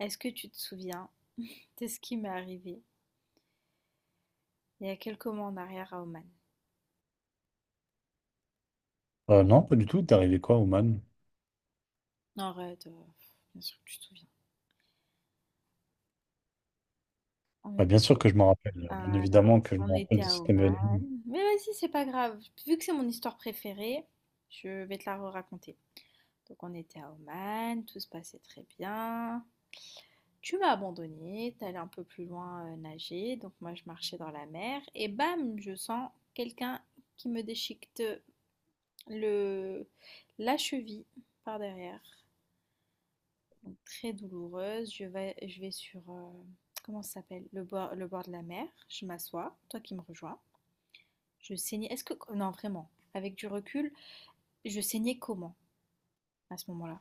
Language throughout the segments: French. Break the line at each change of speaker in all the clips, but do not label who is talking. Est-ce que tu te souviens de ce qui m'est arrivé il y a quelques mois en arrière à Oman?
Non, pas du tout. T'es arrivé quoi, Oman?
Non, arrête, bien sûr que tu te souviens. On
Bah, bien sûr
était,
que je m'en rappelle. Bien
ah là,
évidemment que je me
on
rappelle
était
de
à
cet
Oman.
événement.
Mais vas-y, c'est pas grave. Vu que c'est mon histoire préférée, je vais te la raconter. Donc on était à Oman, tout se passait très bien. Tu m'as abandonné, t'allais un peu plus loin nager, donc moi je marchais dans la mer et bam, je sens quelqu'un qui me déchiquette le la cheville par derrière très douloureuse. Je vais sur, comment ça s'appelle? Le bord de la mer. Je m'assois, toi qui me rejoins. Je saignais. Non, vraiment, avec du recul, je saignais comment à ce moment-là?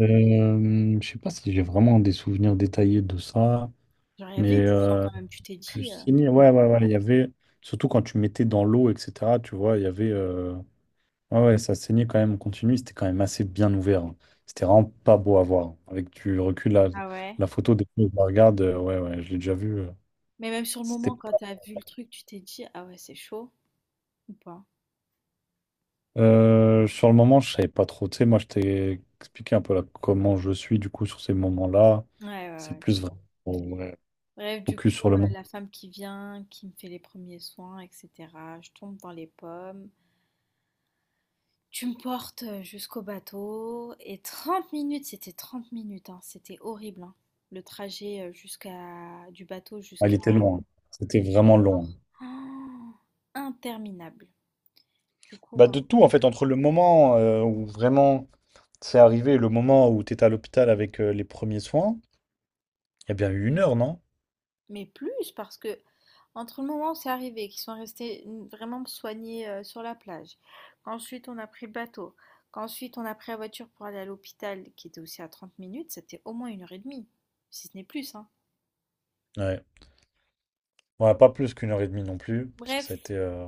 Je sais pas si j'ai vraiment des souvenirs détaillés de ça,
Genre, il y
mais
avait du sang
euh,
quand même. Tu t'es dit,
Ouais, ouais, ouais. Il y avait, surtout quand tu mettais dans l'eau, etc., tu vois, il y avait. Ouais, ouais, ça saignait quand même en continu. C'était quand même assez bien ouvert, hein. C'était vraiment pas beau à voir. Avec du recul,
ah ouais.
la photo, des fois, je la regarde. Ouais, ouais, je l'ai déjà vu.
Mais même sur le moment,
C'était
quand t'as vu le truc, tu t'es dit, ah ouais, c'est chaud ou pas?
Sur le moment, je savais pas trop. Tu sais, moi, je t'ai expliqué un peu là, comment je suis, du coup, sur ces moments-là.
Ouais, ouais,
C'est
ouais,
plus
c'est bon.
vraiment ouais,
Bref, du
Focus sur
coup,
le moment.
la femme qui vient, qui me fait les premiers soins, etc. Je tombe dans les pommes. Tu me portes jusqu'au bateau et 30 minutes, c'était 30 minutes, hein, c'était horrible, hein, le trajet jusqu'à du bateau
Ah, il
jusqu'à
était long, hein. C'était vraiment long, hein.
l'aéroport. Ah, interminable. Du coup,
Bah
ben,
de tout en fait, entre le moment où vraiment c'est arrivé et le moment où t'étais à l'hôpital avec les premiers soins, il y a bien eu une heure, non?
mais plus parce que entre le moment où c'est arrivé, qu'ils sont restés vraiment soignés sur la plage, qu'ensuite on a pris le bateau, qu'ensuite on a pris la voiture pour aller à l'hôpital qui était aussi à 30 minutes, c'était au moins 1 heure et demie, si ce n'est plus, hein.
Ouais. Ouais, pas plus qu'une heure et demie non plus, parce que ça a
Bref,
été.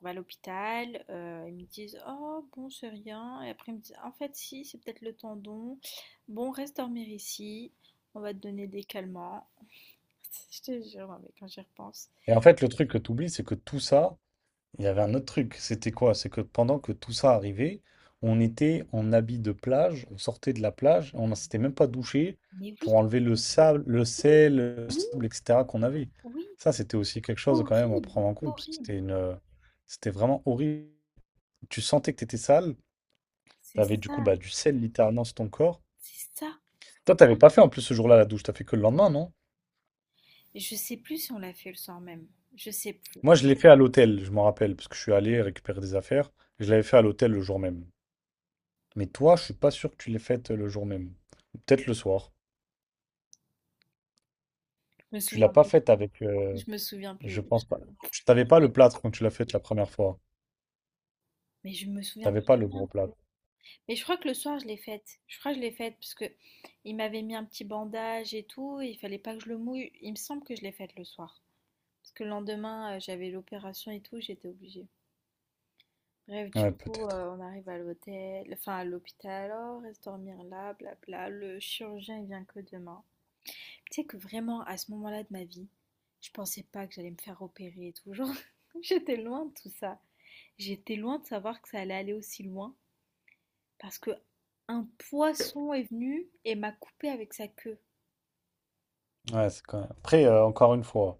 on va à l'hôpital, ils me disent: «Oh bon, c'est rien» et après ils me disent: «En fait si, c'est peut-être le tendon. Bon, reste dormir ici, on va te donner des calmants». Je te jure, mais quand j'y repense.
Et en fait, le truc que t'oublies, c'est que tout ça, il y avait un autre truc, c'était quoi? C'est que pendant que tout ça arrivait, on était en habit de plage, on sortait de la plage, on ne s'était même pas douché
Mais oui,
pour enlever le sable, le
oui,
sel, le
oui,
sable, etc. qu'on avait.
oui,
Ça, c'était aussi quelque chose quand même à
horrible,
prendre en compte, parce que
horrible.
c'était vraiment horrible. Tu sentais que tu étais sale, tu
C'est
avais du coup
ça,
bah, du sel littéralement sur ton corps.
c'est ça
Toi, t'avais pas fait en plus ce jour-là la douche, t'as fait que le lendemain, non?
et je sais plus si on l'a fait le soir même. Je sais plus.
Moi, je l'ai fait à l'hôtel, je m'en rappelle, parce que je suis allé récupérer des affaires. Je l'avais fait à l'hôtel le jour même. Mais toi, je suis pas sûr que tu l'aies faite le jour même. Peut-être le soir.
Je me
Tu
souviens
l'as pas
plus.
faite avec.
Je me souviens
Je
plus,
pense
je
pas. Tu t'avais
je
pas le
parlais pas
plâtre quand tu l'as faite la première fois.
mais je me souviens
T'avais
plus
pas
de
le
rien.
gros plâtre.
Mais je crois que le soir, je l'ai faite. Je crois que je l'ai faite parce que il m'avait mis un petit bandage et tout, et il fallait pas que je le mouille. Il me semble que je l'ai faite le soir. Parce que le lendemain, j'avais l'opération et tout, j'étais obligée. Bref, du
Ouais,
coup,
peut-être.
on arrive à l'hôtel, enfin à l'hôpital. Alors reste dormir là, blabla. Le chirurgien, il vient que demain. Tu sais que vraiment, à ce moment-là de ma vie, je pensais pas que j'allais me faire opérer et tout. Genre, j'étais loin de tout ça. J'étais loin de savoir que ça allait aller aussi loin. Parce que un poisson est venu et m'a coupé avec sa queue.
Ouais, c'est quand Après, encore une fois,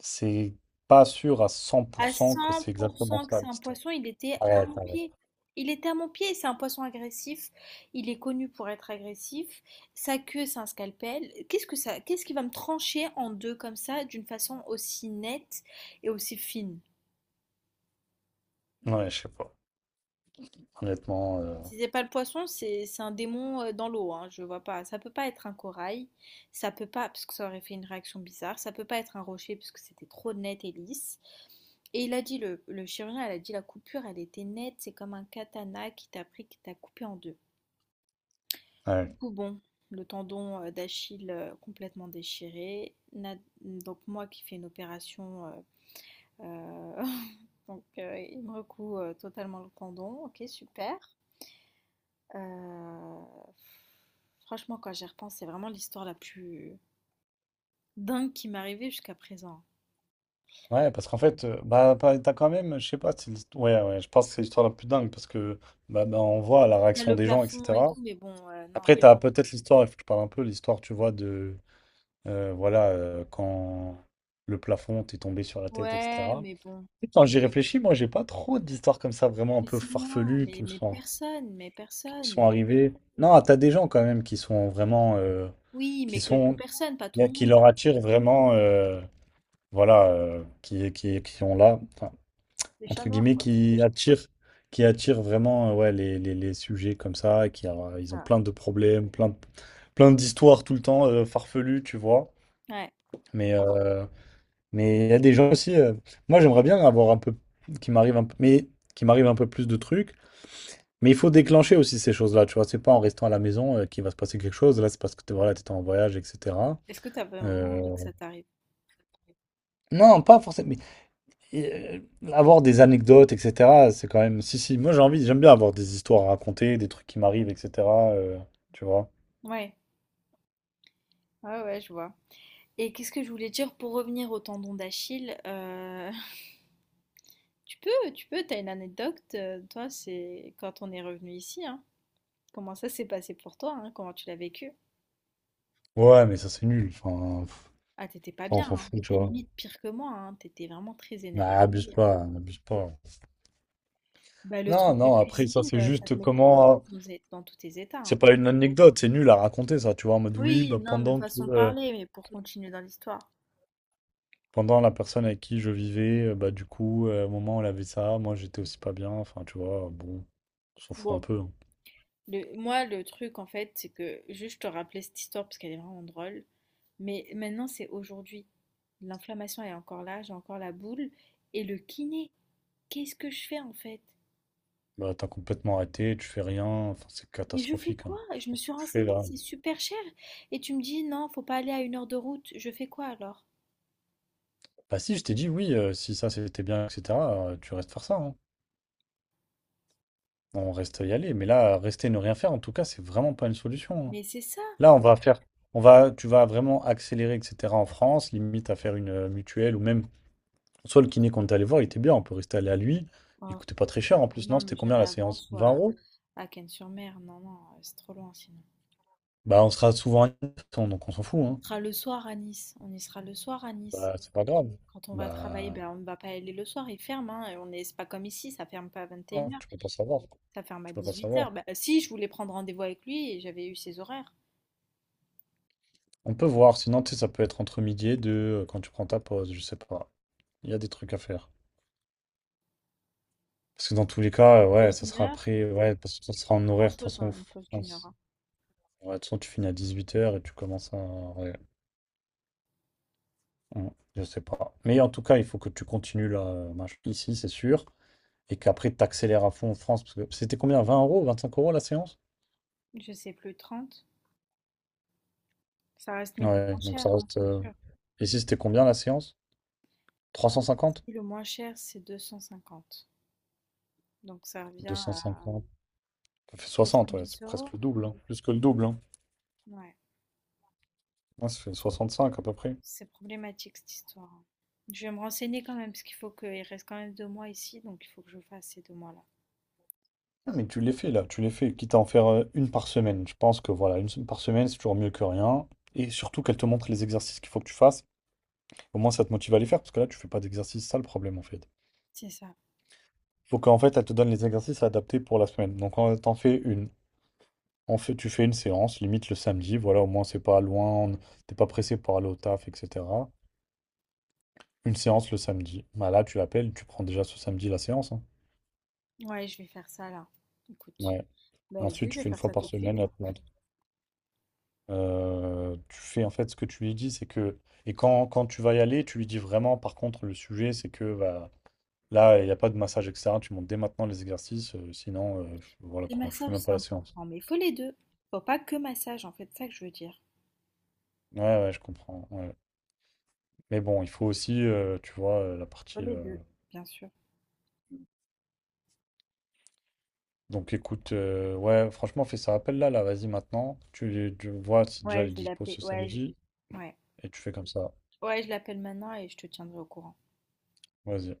c'est pas sûr à
À
100% que
cent
c'est
pour
exactement
cent que
ça
c'est un
l'histoire.
poisson, il était à
Ouais,
mon
ouais.
pied. Il était à mon pied, c'est un poisson agressif, il est connu pour être agressif, sa queue c'est un scalpel. Qu'est-ce qui va me trancher en deux comme ça d'une façon aussi nette et aussi fine?
Ouais, je sais pas. Honnêtement,
Si c'est pas le poisson, c'est un démon dans l'eau, hein, je vois pas. Ça peut pas être un corail, ça peut pas, parce que ça aurait fait une réaction bizarre, ça peut pas être un rocher parce que c'était trop net et lisse. Et il a dit, le chirurgien, elle a dit la coupure, elle était nette, c'est comme un katana qui t'a pris, qui t'a coupé en deux. Du
ouais.
coup, bon, le tendon d'Achille complètement déchiré. Donc moi qui fais une opération, euh, donc il me recoue totalement le tendon. Ok, super. Euh, franchement, quand j'y repense, c'est vraiment l'histoire la plus dingue qui m'est arrivée jusqu'à présent.
Ouais, parce qu'en fait, bah, t'as quand même, je sais pas, ouais, ouais, je pense que c'est l'histoire la plus dingue parce que bah, on voit la
Il y a
réaction
le
des gens,
plafond et tout,
etc.
mais bon, non.
Après, t'as peut-être l'histoire, il faut que je parle un peu, l'histoire, tu vois, de voilà, quand le plafond t'est tombé sur la tête,
Ouais,
etc.
mais bon.
Et quand j'y réfléchis, moi, j'ai pas trop d'histoires comme ça vraiment un
Mais
peu
c'est moi,
farfelues
mais personne, mais
qui me sont
personne.
arrivées. Non, t'as des gens quand même qui sont vraiment,
Oui,
qui
mais quelques personnes, pas tout le
qui
monde.
leur attirent vraiment, voilà, qui ont là. Enfin,
Les chats
entre
noirs,
guillemets,
quoi.
qui attire vraiment ouais, les sujets comme ça, et qui
C'est
euh, ils ont
ça.
plein de problèmes, plein d'histoires tout le temps farfelues, tu vois.
Ouais.
Mais euh, mais il y a des gens aussi. Moi, j'aimerais bien avoir un peu qui m'arrive un peu, mais qui m'arrive un peu plus de trucs. Mais il faut déclencher aussi ces choses-là, tu vois. C'est pas en restant à la maison qu'il va se passer quelque chose. Là, c'est parce que t'es, voilà, t'étais en voyage, etc.
Est-ce que t'as vraiment
Euh,
envie que ça t'arrive?
non, pas forcément. Et avoir des anecdotes, etc., c'est quand même. Si, si, moi j'ai envie, j'aime bien avoir des histoires à raconter, des trucs qui m'arrivent, etc., euh, tu vois.
Ouais, ouais, ouais, je vois. Et qu'est-ce que je voulais dire pour revenir au tendon d'Achille? T'as une anecdote, toi, c'est quand on est revenu ici, hein. Comment ça s'est passé pour toi, hein, comment tu l'as vécu?
Ouais, mais ça c'est nul. Enfin, pff,
Ah, t'étais pas
ça on
bien,
s'en
hein.
fout, tu
T'étais
vois.
limite pire que moi, hein. T'étais vraiment très
Nah,
énervée.
abuse pas.
Bah, le
Non,
truc de
non, après ça
cuisine,
c'est
ça te
juste
mettait dans
comment.
dans tous tes états,
C'est
hein.
pas une anecdote, c'est nul à raconter ça, tu vois. En mode oui,
Oui,
bah,
non, mais
pendant que.
façon de parler, mais pour continuer dans l'histoire.
Pendant la personne avec qui je vivais, bah du coup, à un moment elle avait ça, moi j'étais aussi pas bien, enfin tu vois, bon, on s'en fout un
Bon,
peu, hein.
moi, le truc, en fait, c'est que juste te rappeler cette histoire parce qu'elle est vraiment drôle. Mais maintenant, c'est aujourd'hui. L'inflammation est encore là, j'ai encore la boule. Et le kiné, qu'est-ce que je fais en fait?
Bah, t'as complètement arrêté, tu fais rien, enfin, c'est
Mais je fais
catastrophique, hein.
quoi?
Je sais
Je me
pas ce que
suis
tu fais
renseignée,
là.
c'est super cher. Et tu me dis, non, faut pas aller à 1 heure de route. Je fais quoi alors?
Bah, si, je t'ai dit oui, si ça c'était bien, etc., tu restes faire ça, hein. On reste y aller. Mais là, rester et ne rien faire, en tout cas, c'est vraiment pas une solution, hein.
Mais c'est ça.
Là, on va, tu vas vraiment accélérer, etc., en France, limite à faire une mutuelle ou même, soit le kiné qu'on est allé voir, il était bien, on peut rester allé à lui. Il
Oh,
coûtait pas très cher en plus,
non,
non?
mais
C'était combien
j'irai
la
avant,
séance? 20
soit
euros?
à Cannes-sur-Mer. Non, non, c'est trop loin sinon.
Bah, on sera souvent à 900, donc on s'en fout, hein.
On sera le soir à Nice. On y sera le soir à Nice.
Bah, c'est pas grave.
Quand on va travailler,
Bah.
ben, on ne va pas aller le soir, il ferme, hein, et on est c'est pas comme ici, ça ferme pas à vingt et
Non,
une heures,
tu peux pas savoir.
ça ferme à
Tu peux pas
dix-huit
savoir.
heures. Ben, si, je voulais prendre rendez-vous avec lui et j'avais eu ses horaires.
On peut voir, sinon, tu sais, ça peut être entre midi et deux, quand tu prends ta pause, je sais pas. Il y a des trucs à faire. Parce que dans tous les cas, ouais,
Pause
ça
d'une
sera
heure,
après, ouais, parce que ça
je peux
sera
pas
en
faire
horaire, de toute
grand-chose,
façon,
hein, une pause d'1 heure,
France.
hein.
Ouais, de toute façon, tu finis à 18 h et tu commences à. Ouais, ouais, je sais pas. Mais en tout cas, il faut que tu continues là, ici, c'est sûr. Et qu'après, tu accélères à fond en France. Parce que c'était combien? Vingt euros, 25 € la séance?
Je sais plus, 30. Ça reste 1000 fois
Ouais,
moins
donc
cher,
ça
hein,
reste.
c'est
euh,
sûr.
Ici, c'était combien la séance? 350.
Si, le moins cher, c'est 250. Donc ça revient
Deux cent
à
cinquante. Ça fait 60, ouais, c'est
70 euros.
presque le double, hein, plus que le double, hein.
Ouais,
Ouais, ça fait 65 à peu près.
c'est problématique cette histoire, hein. Je vais me renseigner quand même, parce qu'il faut qu'il reste quand même 2 mois ici, donc il faut que je fasse ces 2 mois-là.
Ah, mais tu l'es fait là, tu l'es fait, quitte à en faire une par semaine. Je pense que voilà, une semaine par semaine, c'est toujours mieux que rien. Et surtout qu'elle te montre les exercices qu'il faut que tu fasses. Au moins, ça te motive à les faire, parce que là, tu fais pas d'exercice, c'est ça le problème en fait.
C'est ça.
Il faut qu'en fait, elle te donne les exercices adaptés pour la semaine. Donc, on t'en fais une. En fait, tu fais une séance, limite le samedi, voilà, au moins c'est pas loin, on- t'es pas pressé pour aller au taf, etc. Une séance le samedi. Bah là, tu l'appelles, tu prends déjà ce samedi la séance, hein.
Ouais, je vais faire ça là. Écoute.
Ouais.
Bah, zut,
Ensuite,
je
tu
vais
fais une
faire
fois
ça
par
tout de suite,
semaine la
hein.
plante. Tu fais en fait ce que tu lui dis, c'est que. Et quand tu vas y aller, tu lui dis vraiment, par contre, le sujet, c'est que bah, là, il n'y a pas de massage, etc. Tu montes dès maintenant les exercices, sinon, voilà
Les
quoi, je fais
massages,
même pas
c'est
la séance.
important, mais faut les deux. Faut pas que massage, en fait, c'est ça que je veux dire.
Ouais, ouais, je comprends, ouais. Mais bon, il faut aussi, tu vois, la
Faut
partie.
les
euh,
deux, bien sûr.
Donc écoute, ouais, franchement, fais ça. Appelle-la, là, vas-y maintenant. Tu vois si déjà
Ouais,
elle est
je vais
dispo
l'appeler.
ce
Ouais,
samedi,
je... ouais.
et tu fais comme ça.
Ouais, je l'appelle maintenant et je te tiendrai au courant.
Vas-y.